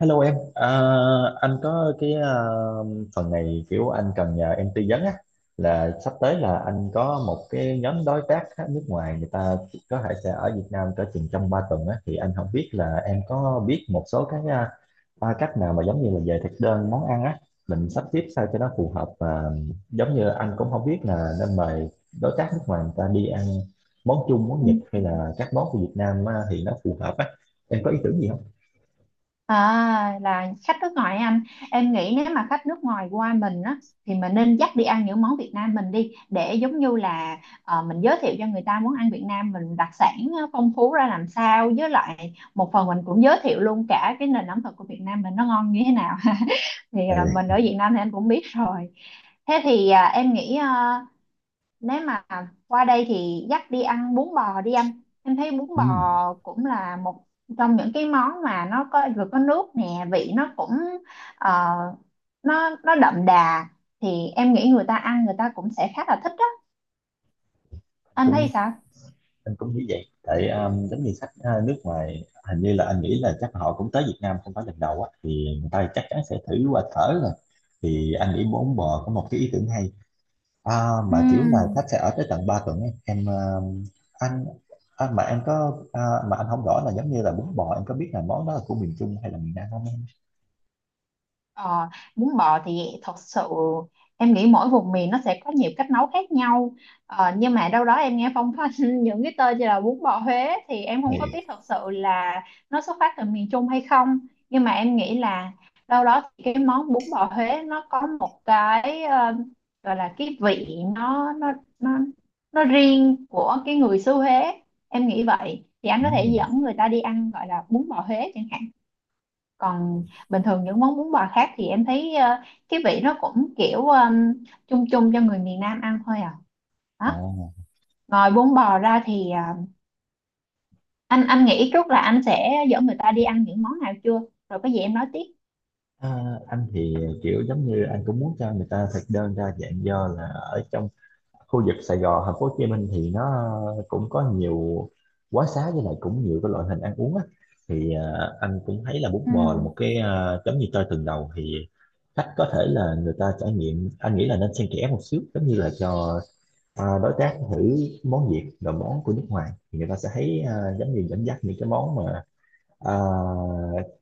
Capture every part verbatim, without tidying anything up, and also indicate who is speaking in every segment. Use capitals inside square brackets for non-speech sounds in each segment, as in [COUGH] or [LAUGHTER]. Speaker 1: Hello em, à, anh có cái à, phần này kiểu anh cần nhờ em tư vấn á, là sắp tới là anh có một cái nhóm đối tác á, nước ngoài người ta có thể sẽ ở Việt Nam cỡ chừng trong ba tuần á. Thì anh không biết là em có biết một số cái à, ba cách nào mà giống như là về thực đơn món ăn á, mình sắp xếp sao cho nó phù hợp. Và giống như anh cũng không biết là nên mời đối tác nước ngoài người ta đi ăn món Trung, món
Speaker 2: Ừ.
Speaker 1: Nhật hay là các món của Việt Nam á, thì nó phù hợp á. Em có ý tưởng gì không?
Speaker 2: À, là khách nước ngoài anh, em nghĩ nếu mà khách nước ngoài qua mình á thì mình nên dắt đi ăn những món Việt Nam mình đi, để giống như là ờ, mình giới thiệu cho người ta món ăn Việt Nam mình đặc sản, ờ, phong phú ra làm sao, với lại một phần mình cũng giới thiệu luôn cả cái nền ẩm thực của Việt Nam mình nó ngon như thế nào. [LAUGHS] Thì ờ,
Speaker 1: Ừ.
Speaker 2: mình ở Việt Nam thì anh cũng biết rồi. Thế thì à, em nghĩ ờ, nếu mà qua đây thì dắt đi ăn bún bò đi anh, em thấy bún bò
Speaker 1: Ừ.
Speaker 2: cũng là một trong những cái món mà nó có, vừa có nước nè, vị nó cũng ờ, nó nó đậm đà, thì em nghĩ người ta ăn người ta cũng sẽ khá là thích đó. Anh thấy
Speaker 1: Cũng
Speaker 2: sao?
Speaker 1: anh cũng nghĩ vậy tại um, giống như khách uh, nước ngoài, hình như là anh nghĩ là chắc họ cũng tới Việt Nam không phải lần đầu á, thì người ta chắc chắn sẽ thử qua thở rồi. Thì anh nghĩ bốn bò có một cái ý tưởng hay, à, mà kiểu là
Speaker 2: Ừm.
Speaker 1: khách sẽ ở tới tận ba tuần ấy. Em um, anh anh mà em có à, mà anh không rõ là giống như là bún bò em có biết là món đó là của miền Trung hay là miền Nam không em?
Speaker 2: Ờ, bún bò thì thật sự em nghĩ mỗi vùng miền nó sẽ có nhiều cách nấu khác nhau. Ờ, nhưng mà đâu đó em nghe phong phanh [LAUGHS] những cái tên như là bún bò Huế, thì em không có
Speaker 1: Thì
Speaker 2: biết thật sự là nó xuất phát từ miền Trung hay không. Nhưng mà em nghĩ là đâu đó thì cái món bún bò Huế nó có một cái, ờ, gọi là cái vị, nó nó nó nó riêng của cái người xứ Huế, em nghĩ vậy. Thì anh có thể
Speaker 1: ừm,
Speaker 2: dẫn người ta đi ăn gọi là bún bò Huế chẳng hạn. Còn bình thường những món bún bò khác thì em thấy ờ, cái vị nó cũng kiểu ừm, chung chung cho người miền Nam ăn thôi à, đó.
Speaker 1: ồ.
Speaker 2: Ngoài bún bò ra thì ờ, anh anh nghĩ trước là anh sẽ dẫn người ta đi ăn những món nào chưa? Rồi có gì em nói tiếp.
Speaker 1: À, anh thì kiểu giống như anh cũng muốn cho người ta thực đơn đa dạng, do là ở trong khu vực Sài Gòn, thành phố Hồ Chí Minh thì nó cũng có nhiều quán xá, với lại cũng nhiều cái loại hình ăn uống á. Thì ờ, anh cũng thấy là bún bò là một cái ờ, giống như chơi từng đầu. Thì khách có thể là người ta trải nghiệm, anh nghĩ là nên xen kẽ một xíu, giống như là cho ờ, đối tác thử món Việt rồi món của nước ngoài, thì người ta sẽ thấy ờ, giống như dẫn dắt những cái món mà ờ,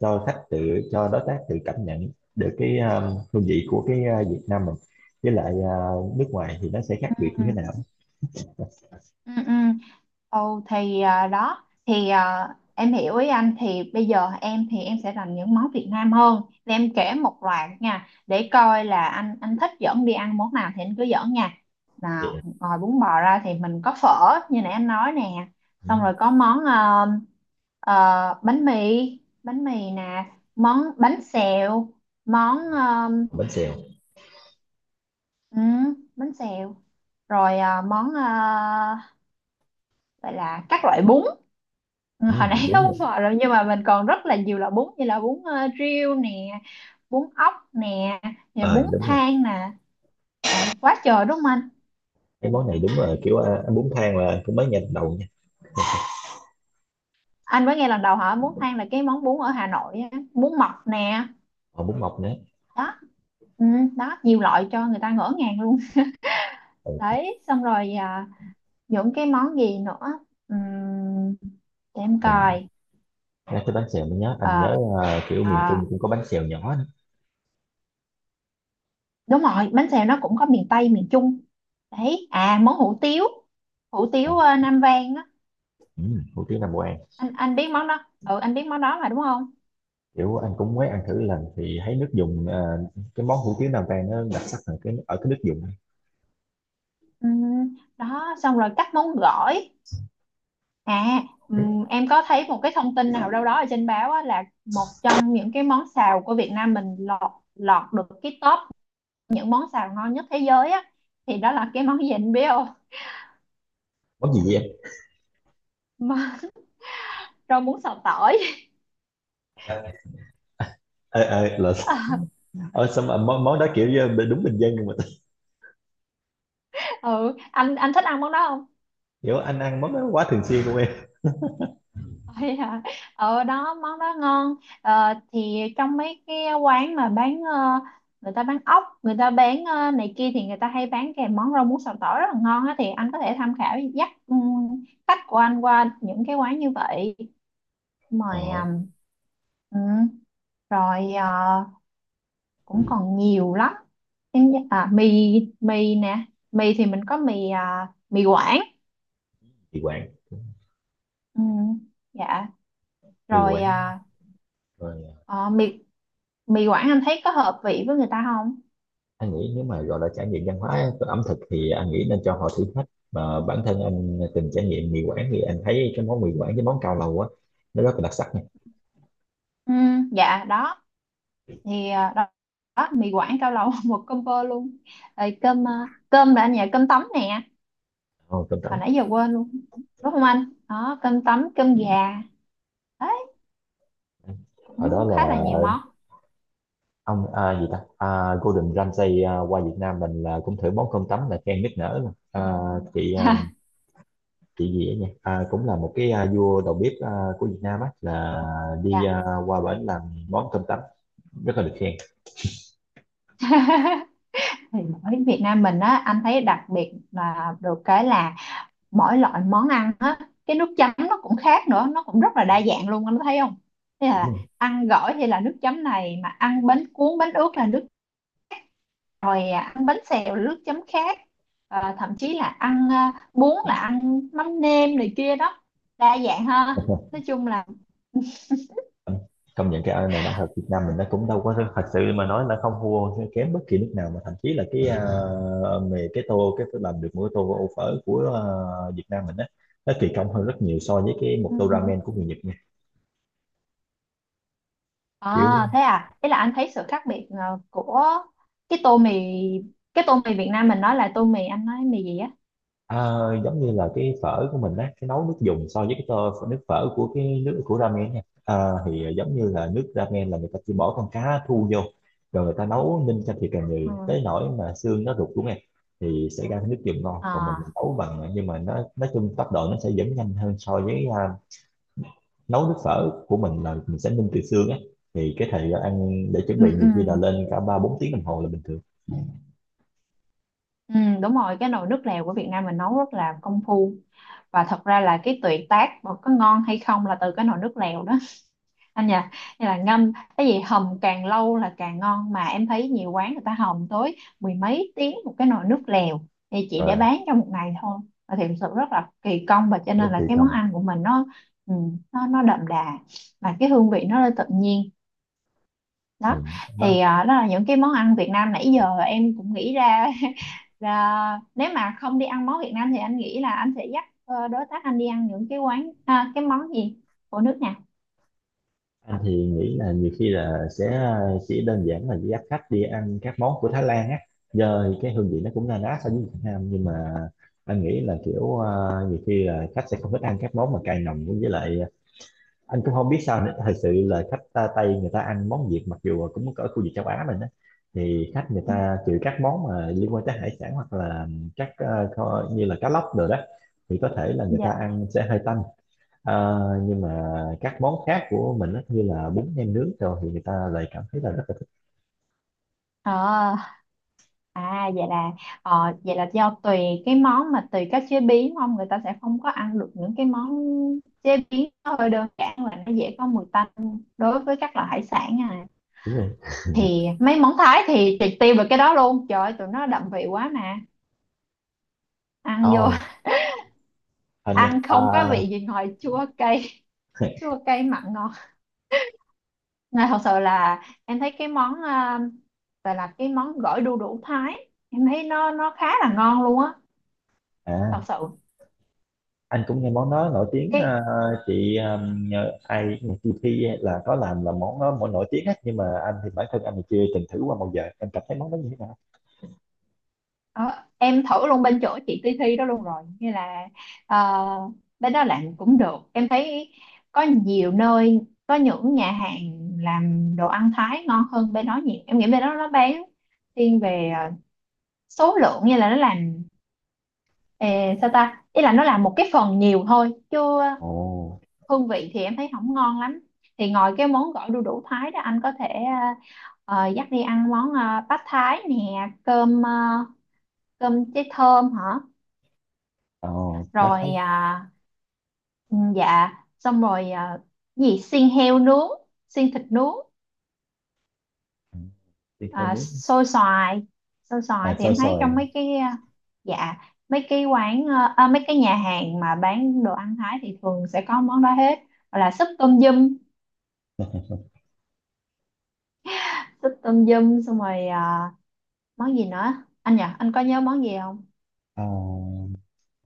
Speaker 1: cho khách tự, cho đối tác tự cảm nhận được cái ờ, hương vị của cái ờ, Việt Nam mình với lại ờ, nước ngoài thì nó sẽ khác biệt như
Speaker 2: Ừ.
Speaker 1: thế nào.
Speaker 2: Ừ, ừ. Ồ thì à, đó thì à, em hiểu ý anh. Thì bây giờ em, thì em sẽ làm những món Việt Nam hơn, thì em kể một loạt nha, để coi là anh anh thích dẫn đi ăn món nào thì anh cứ dẫn nha.
Speaker 1: Vậy
Speaker 2: Nào,
Speaker 1: à?
Speaker 2: ngoài bún bò ra thì mình có phở như nãy anh nói nè.
Speaker 1: Ừ.
Speaker 2: Xong rồi có món, ờ, ờ, bánh mì, bánh mì nè, món bánh xèo, món ờ,
Speaker 1: Bánh xèo.
Speaker 2: ừ, bánh xèo. Rồi à, món ờ, vậy là các loại bún. Ừ,
Speaker 1: Ừ,
Speaker 2: hồi nãy [LAUGHS] có
Speaker 1: đúng rồi.
Speaker 2: bún bò rồi, nhưng mà mình còn rất là nhiều loại bún như là bún ờ, riêu nè, bún ốc nè, nè
Speaker 1: Ờ
Speaker 2: bún
Speaker 1: đúng rồi.
Speaker 2: thang nè, rồi quá trời đúng không anh?
Speaker 1: Cái món này đúng là kiểu, à, ăn bún thang là cũng mới nghe đầu nha.
Speaker 2: Anh mới nghe lần đầu hỏi bún thang, là cái món bún ở Hà Nội á, bún mọc nè.
Speaker 1: Còn bún mọc nữa.
Speaker 2: Đó. Ừ, đó, nhiều loại cho người ta ngỡ ngàng luôn. [LAUGHS]
Speaker 1: Ừ.
Speaker 2: Đấy, xong rồi à, những cái món gì nữa? Ừm, để em
Speaker 1: Ừ.
Speaker 2: coi.
Speaker 1: Nhắc tới bánh xèo mới nhớ, anh
Speaker 2: Ờ,
Speaker 1: nhớ à, kiểu
Speaker 2: ờ,
Speaker 1: miền Trung cũng có bánh xèo nhỏ nữa.
Speaker 2: đúng rồi, bánh xèo nó cũng có miền Tây, miền Trung. Đấy, à, món hủ tiếu, hủ
Speaker 1: À,
Speaker 2: tiếu ờ, Nam Vang á.
Speaker 1: ừ, hủ tiếu Nam Vang.
Speaker 2: Anh anh biết món đó, ừ, anh biết món đó mà đúng không?
Speaker 1: Kiểu anh cũng mới ăn thử lần thì thấy nước dùng, à, cái món hủ tiếu Nam Vang nó đặc sắc ở cái, ở cái nước dùng.
Speaker 2: Ừm, đó, xong rồi các món gỏi. À, ừm, em có thấy một cái thông tin nào đâu đó ở trên báo á, là một trong những cái món xào của Việt Nam mình lọt, lọt được cái top những món xào ngon nhất thế giới á. Thì đó là cái món gì anh biết không?
Speaker 1: Món gì vậy em?
Speaker 2: [LAUGHS] Rau muống xào tỏi.
Speaker 1: Ờ ờ là.
Speaker 2: [LAUGHS]
Speaker 1: Ờ, xong mà món, món đó kiểu như đúng bình dân nhưng mà
Speaker 2: Ừ, anh anh thích ăn món đó không?
Speaker 1: [LAUGHS] kiểu anh ăn món đó quá thường xuyên luôn em.
Speaker 2: Ôi à, ở đó món đó ngon. Ờ, thì trong mấy cái quán mà bán, ờ, người ta bán ốc, người ta bán ờ, này kia, thì người ta hay bán kèm món rau muống xào tỏi rất là ngon á. Thì anh có thể tham khảo dắt ừm, khách của anh qua những cái quán như vậy, mời
Speaker 1: Ờ.
Speaker 2: ừm, ừ. Rồi ờ, cũng còn nhiều lắm. Em nhớ- à, mì, mì nè. Mì thì mình có mì à, mì Quảng.
Speaker 1: Mì Quảng.
Speaker 2: Ừ. Dạ.
Speaker 1: Mì
Speaker 2: Rồi
Speaker 1: Quảng
Speaker 2: à,
Speaker 1: rồi.
Speaker 2: ờ, mì mì Quảng anh thấy có hợp vị với người ta không?
Speaker 1: Anh nghĩ nếu mà gọi là trải nghiệm văn hóa ẩm thực thì anh nghĩ nên cho họ thử thách, mà bản thân anh từng trải nghiệm mì Quảng thì anh thấy cái món mì Quảng với món cao lầu á, nó rất là đặc sắc nha.
Speaker 2: Ừ, dạ, đó thì à, đó, đó, mì Quảng cao lầu [LAUGHS] một combo luôn. Rồi cơm, à, cơm là anh nhà cơm tấm nè,
Speaker 1: Oh, cơm
Speaker 2: hồi
Speaker 1: trắng.
Speaker 2: nãy giờ quên luôn. Đúng không anh? Đó, cơm tấm, cơm gà. Đấy,
Speaker 1: Hồi đó
Speaker 2: cũng
Speaker 1: là
Speaker 2: khá là nhiều món.
Speaker 1: ông à, gì ta à, Gordon Ramsay à, qua Việt Nam mình là cũng thử món cơm tấm là khen nức nở mà. À, chị à, chị gì ấy nhỉ, à, cũng là một cái à, vua đầu bếp à, của Việt Nam á, là đi
Speaker 2: Dạ.
Speaker 1: à, qua bển làm món cơm tấm rất là được khen.
Speaker 2: [LAUGHS] Thì ở Việt Nam mình á anh thấy đặc biệt là được cái là mỗi loại món ăn á cái nước chấm nó cũng khác nữa, nó cũng rất là đa dạng luôn, anh thấy không? Thế là
Speaker 1: Đúng
Speaker 2: ăn gỏi thì là nước chấm này, mà ăn bánh cuốn bánh ướt là nước, rồi à, ăn bánh xèo nước chấm khác. Ờ, thậm chí là ăn à, bún là ăn mắm nêm này kia đó. Đa dạng ha,
Speaker 1: rồi.
Speaker 2: nói chung là
Speaker 1: Công nhận cái nền âm nhạc Việt Nam mình nó cũng đâu có thật sự mà nói là không thua kém bất kỳ nước nào, mà thậm chí là cái uh, về cái tô, cái làm được mỗi tô ô phở của ờ, Việt Nam mình á, nó kỳ công hơn rất nhiều so với cái một tô
Speaker 2: ừm,
Speaker 1: ramen của người Nhật nha.
Speaker 2: à,
Speaker 1: Kiểu.
Speaker 2: thế à. Thế là anh thấy sự khác biệt ờ, của cái tô mì, cái tô mì Việt Nam mình, nói là tô mì, anh nói mì gì á?
Speaker 1: À, giống như là cái phở của mình á, cái nấu nước dùng so với cái tô nước phở của cái nước của ramen nha, à, thì à, giống như là nước ramen là người ta chỉ bỏ con cá thu vô rồi người ta nấu ninh cho thiệt là nhiều
Speaker 2: Ừ.
Speaker 1: tới nỗi mà xương nó rụt xuống em. Thì sẽ ra cái nước dùng ngon, còn mình
Speaker 2: À,
Speaker 1: nấu bằng à, nhưng mà nó nói chung tốc độ nó sẽ vẫn nhanh hơn so với à, nấu nước phở của mình là mình sẽ ninh từ xương á, thì cái thời gian ăn để chuẩn
Speaker 2: ừ,
Speaker 1: bị nhiều
Speaker 2: ừ,
Speaker 1: khi là lên cả ba bốn tiếng đồng hồ là bình thường.
Speaker 2: ừ, đúng rồi, cái nồi nước lèo của Việt Nam mình nấu rất là công phu, và thật ra là cái tuyệt tác mà có ngon hay không là từ cái nồi nước lèo đó, anh nhỉ? Như là ngâm cái gì, hầm càng lâu là càng ngon, mà em thấy nhiều quán người ta hầm tới mười mấy tiếng một cái nồi nước lèo, thì chỉ để
Speaker 1: Rồi.
Speaker 2: bán trong một ngày thôi. Và thì thực sự rất là kỳ công, và cho
Speaker 1: Rất
Speaker 2: nên là
Speaker 1: tùy
Speaker 2: cái món
Speaker 1: trong.
Speaker 2: ăn của mình nó, ừ, nó nó đậm đà, và cái hương vị nó lên tự nhiên, đó.
Speaker 1: Ừ.
Speaker 2: Thì
Speaker 1: Nó.
Speaker 2: à, đó là những cái món ăn Việt Nam nãy giờ em cũng nghĩ ra. [LAUGHS] Là nếu mà không đi ăn món Việt Nam thì anh nghĩ là anh sẽ dắt ờ, đối tác anh đi ăn những cái quán à, cái món gì, của nước nào?
Speaker 1: Anh thì nghĩ là nhiều khi là sẽ ờ, chỉ đơn giản là dắt khách đi ăn các món của Thái Lan á, giờ cái hương vị nó cũng na ná so với Việt Nam, nhưng mà anh nghĩ là kiểu ờ, nhiều khi là khách sẽ không thích ăn các món mà cay nồng, với lại ờ, anh cũng không biết sao nữa. Thật sự là khách ta Tây, người ta ăn món Việt mặc dù cũng ở khu vực châu Á mình á, thì khách người
Speaker 2: Ừ.
Speaker 1: ta trừ các món mà liên quan tới hải sản hoặc là các ờ, kho- như là cá lóc rồi đó, thì có thể là người ta
Speaker 2: Dạ.
Speaker 1: ăn sẽ hơi tanh. Ờ, nhưng mà các món khác của mình á, như là bún nem nướng rồi, thì người ta lại cảm thấy là rất là
Speaker 2: Ờ. À vậy là ờ, vậy là do tùy cái món, mà tùy cách chế biến không, người ta sẽ không có ăn được những cái món chế biến nó hơi đơn giản và nó dễ có mùi tanh đối với các loại hải sản à.
Speaker 1: thú vị.
Speaker 2: Thì mấy món Thái thì triệt tiêu được cái đó luôn. Trời ơi, tụi nó đậm vị quá mà, ăn vô
Speaker 1: Ồ, hình như
Speaker 2: [LAUGHS] ăn
Speaker 1: à,
Speaker 2: không có vị gì ngoài chua cay. [LAUGHS] Chua
Speaker 1: [LAUGHS]
Speaker 2: cay mặn ngọt. Nên thật sự là em thấy cái món uh, gọi là cái món gỏi đu đủ Thái, em thấy nó nó khá là ngon luôn á,
Speaker 1: à,
Speaker 2: thật sự.
Speaker 1: anh cũng nghe món đó nổi tiếng, à,
Speaker 2: Cái,
Speaker 1: chị um, nhờ ai chị Thi là có làm là món đó, món nổi tiếng á. Nhưng mà anh thì bản thân anh thì chưa từng thử qua bao giờ, em cảm thấy món đó như thế nào?
Speaker 2: ờ, em thử luôn bên chỗ chị Ti Thi đó luôn rồi, như là uh, bên đó làm cũng được em thấy. Có nhiều nơi, có những nhà hàng làm đồ ăn Thái ngon hơn bên đó nhiều. Em nghĩ bên đó nó bán thiên về ờ, số lượng, như là nó làm eh, sao ta, ý là nó làm một cái phần nhiều thôi, chứ ờ,
Speaker 1: Ồ,
Speaker 2: hương vị thì em thấy không ngon lắm. Thì ngoài cái món gỏi đu đủ Thái đó, anh có thể ờ, ờ, dắt đi ăn món ờ, bát Thái nè, cơm ờ, cơm cháy thơm hả.
Speaker 1: ồ, bá
Speaker 2: Rồi
Speaker 1: thấy.
Speaker 2: à, ừ, dạ. Xong rồi à, gì xiên heo nướng, xiên thịt nướng.
Speaker 1: Ừ, thịt heo
Speaker 2: À,
Speaker 1: nướng,
Speaker 2: xôi xoài. Xôi
Speaker 1: à,
Speaker 2: xoài thì
Speaker 1: xôi
Speaker 2: em thấy
Speaker 1: xoài,
Speaker 2: trong mấy cái à, dạ, mấy cái quán à, à, mấy cái nhà hàng mà bán đồ ăn Thái thì thường sẽ có món đó hết. Hoặc là súp tôm dum, súp tôm dum. Xong rồi à, món gì nữa anh nhỉ, anh có nhớ món gì không?
Speaker 1: à,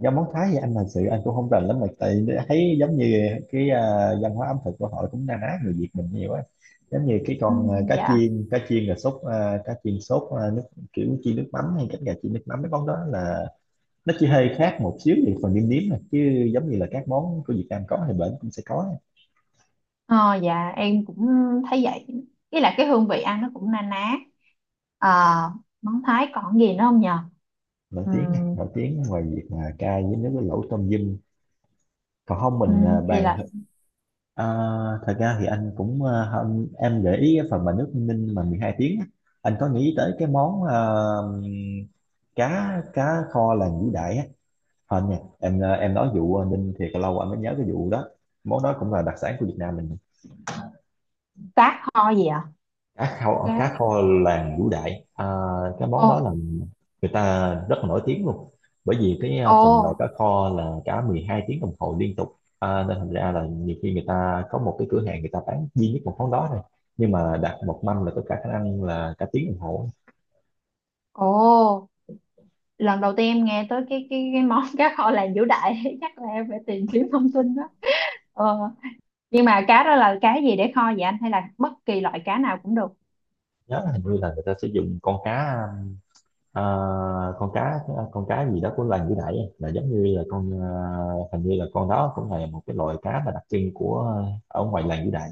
Speaker 1: do món Thái thì anh thật sự anh cũng không rành lắm, mà tại thấy giống như cái à, văn hóa ẩm thực của họ cũng na ná người Việt mình nhiều á, giống như cái
Speaker 2: Ừ,
Speaker 1: con à, cá
Speaker 2: dạ.
Speaker 1: chiên cá chiên là sốt, à, cá chiên sốt à, nước kiểu chiên nước mắm, hay cánh gà chiên nước mắm, mấy món đó là nó chỉ hơi khác một xíu về phần nêm nếm nè, chứ giống như là các món của Việt Nam có thì bển cũng sẽ có.
Speaker 2: Ờ, dạ em cũng thấy vậy, ý là cái hương vị ăn nó cũng na ná. Ờ, món Thái còn gì nữa không nhờ?
Speaker 1: Nổi tiếng nè,
Speaker 2: Ừm,
Speaker 1: nổi tiếng ngoài việc mà cay với nước với lẩu tôm dâm, còn không mình à,
Speaker 2: ừm, thì
Speaker 1: bàn.
Speaker 2: là
Speaker 1: À, thật ra thì anh cũng ờ, không, em gợi ý cái phần mà nước ninh mà mười hai tiếng á, anh có nghĩ tới cái món ờ, cá, cá kho làng Vũ Đại á không nha em. Ờ, em nói vụ ờ, ninh thì lâu anh mới nhớ cái vụ đó, món đó cũng là đặc sản của Việt Nam mình.
Speaker 2: cá kho gì ạ?
Speaker 1: Cá kho,
Speaker 2: Cá.
Speaker 1: cá kho làng Vũ Đại, à, cái món
Speaker 2: Ồ,
Speaker 1: đó là người ta rất là nổi tiếng luôn, bởi vì cái à,
Speaker 2: ồ,
Speaker 1: phần nồi cá kho là cả mười hai tiếng đồng hồ liên tục, à, nên thành ra là nhiều khi người ta có một cái cửa hàng người ta bán duy nhất một món đó thôi, nhưng mà đặt một mâm là có cả khả năng là cả tiếng đồng hồ.
Speaker 2: ồ. Lần đầu tiên em nghe tới cái cái cái món [LAUGHS] cá kho làng Vũ Đại. [LAUGHS] Chắc là em phải tìm kiếm thông tin đó. Ờ, nhưng mà cá đó là cá gì để kho vậy anh, hay là bất kỳ loại cá nào cũng được?
Speaker 1: Nhớ là hình như là người ta sử dụng con cá à, con cá con cá gì đó của làng Vũ Đại ấy. Là giống như là con, à, hình như là con đó cũng là một cái loại cá mà đặc trưng của à, ở ngoài làng Vũ Đại.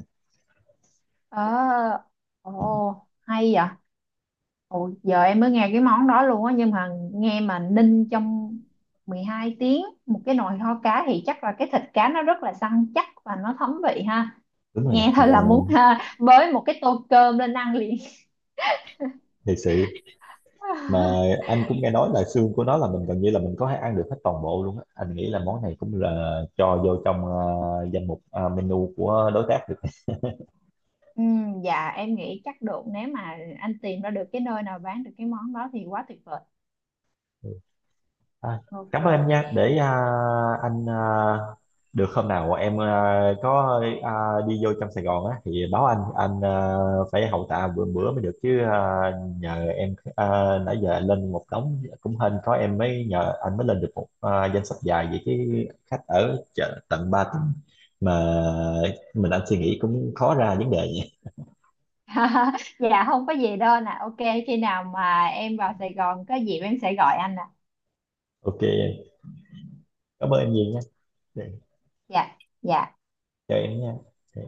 Speaker 2: Ờ, ồ, hay vậy. Ồ, giờ em mới nghe cái món đó luôn á. Nhưng mà nghe mà ninh trong mười hai tiếng một cái nồi kho cá thì chắc là cái thịt cá nó rất là săn chắc và nó thấm vị ha.
Speaker 1: Đúng rồi.
Speaker 2: Nghe thôi là muốn ha, bới một cái tô cơm lên ăn liền.
Speaker 1: Thiệt sự mà
Speaker 2: [LAUGHS]
Speaker 1: anh cũng nghe nói là xương của nó là mình gần như là mình có thể ăn được hết toàn bộ luôn á, anh nghĩ là món này cũng là cho vô trong ờ, danh mục ờ, menu của đối tác được.
Speaker 2: Ừ, dạ em nghĩ chắc được, nếu mà anh tìm ra được cái nơi nào bán được cái món đó thì quá tuyệt vời.
Speaker 1: À,
Speaker 2: OK.
Speaker 1: cảm ơn em nha, để à, anh à, được hôm nào em à, có à, đi vô trong Sài Gòn á thì báo anh, anh à, phải hậu tạ bữa bữa mới được chứ, à, nhờ em à, nãy giờ anh lên một đống cũng hên có em mới nhờ, anh mới lên được một à, danh sách dài vậy chứ. Khách ở chợ tận ba tuần mà, mình anh suy nghĩ cũng khó ra vấn đề nha.
Speaker 2: [LAUGHS] Dạ không có gì đâu nè. OK, khi nào mà em vào Sài Gòn có dịp em sẽ gọi anh nè.
Speaker 1: OK em. Cảm ơn em nhiều nha.
Speaker 2: Dạ. Dạ.
Speaker 1: Chào em nha.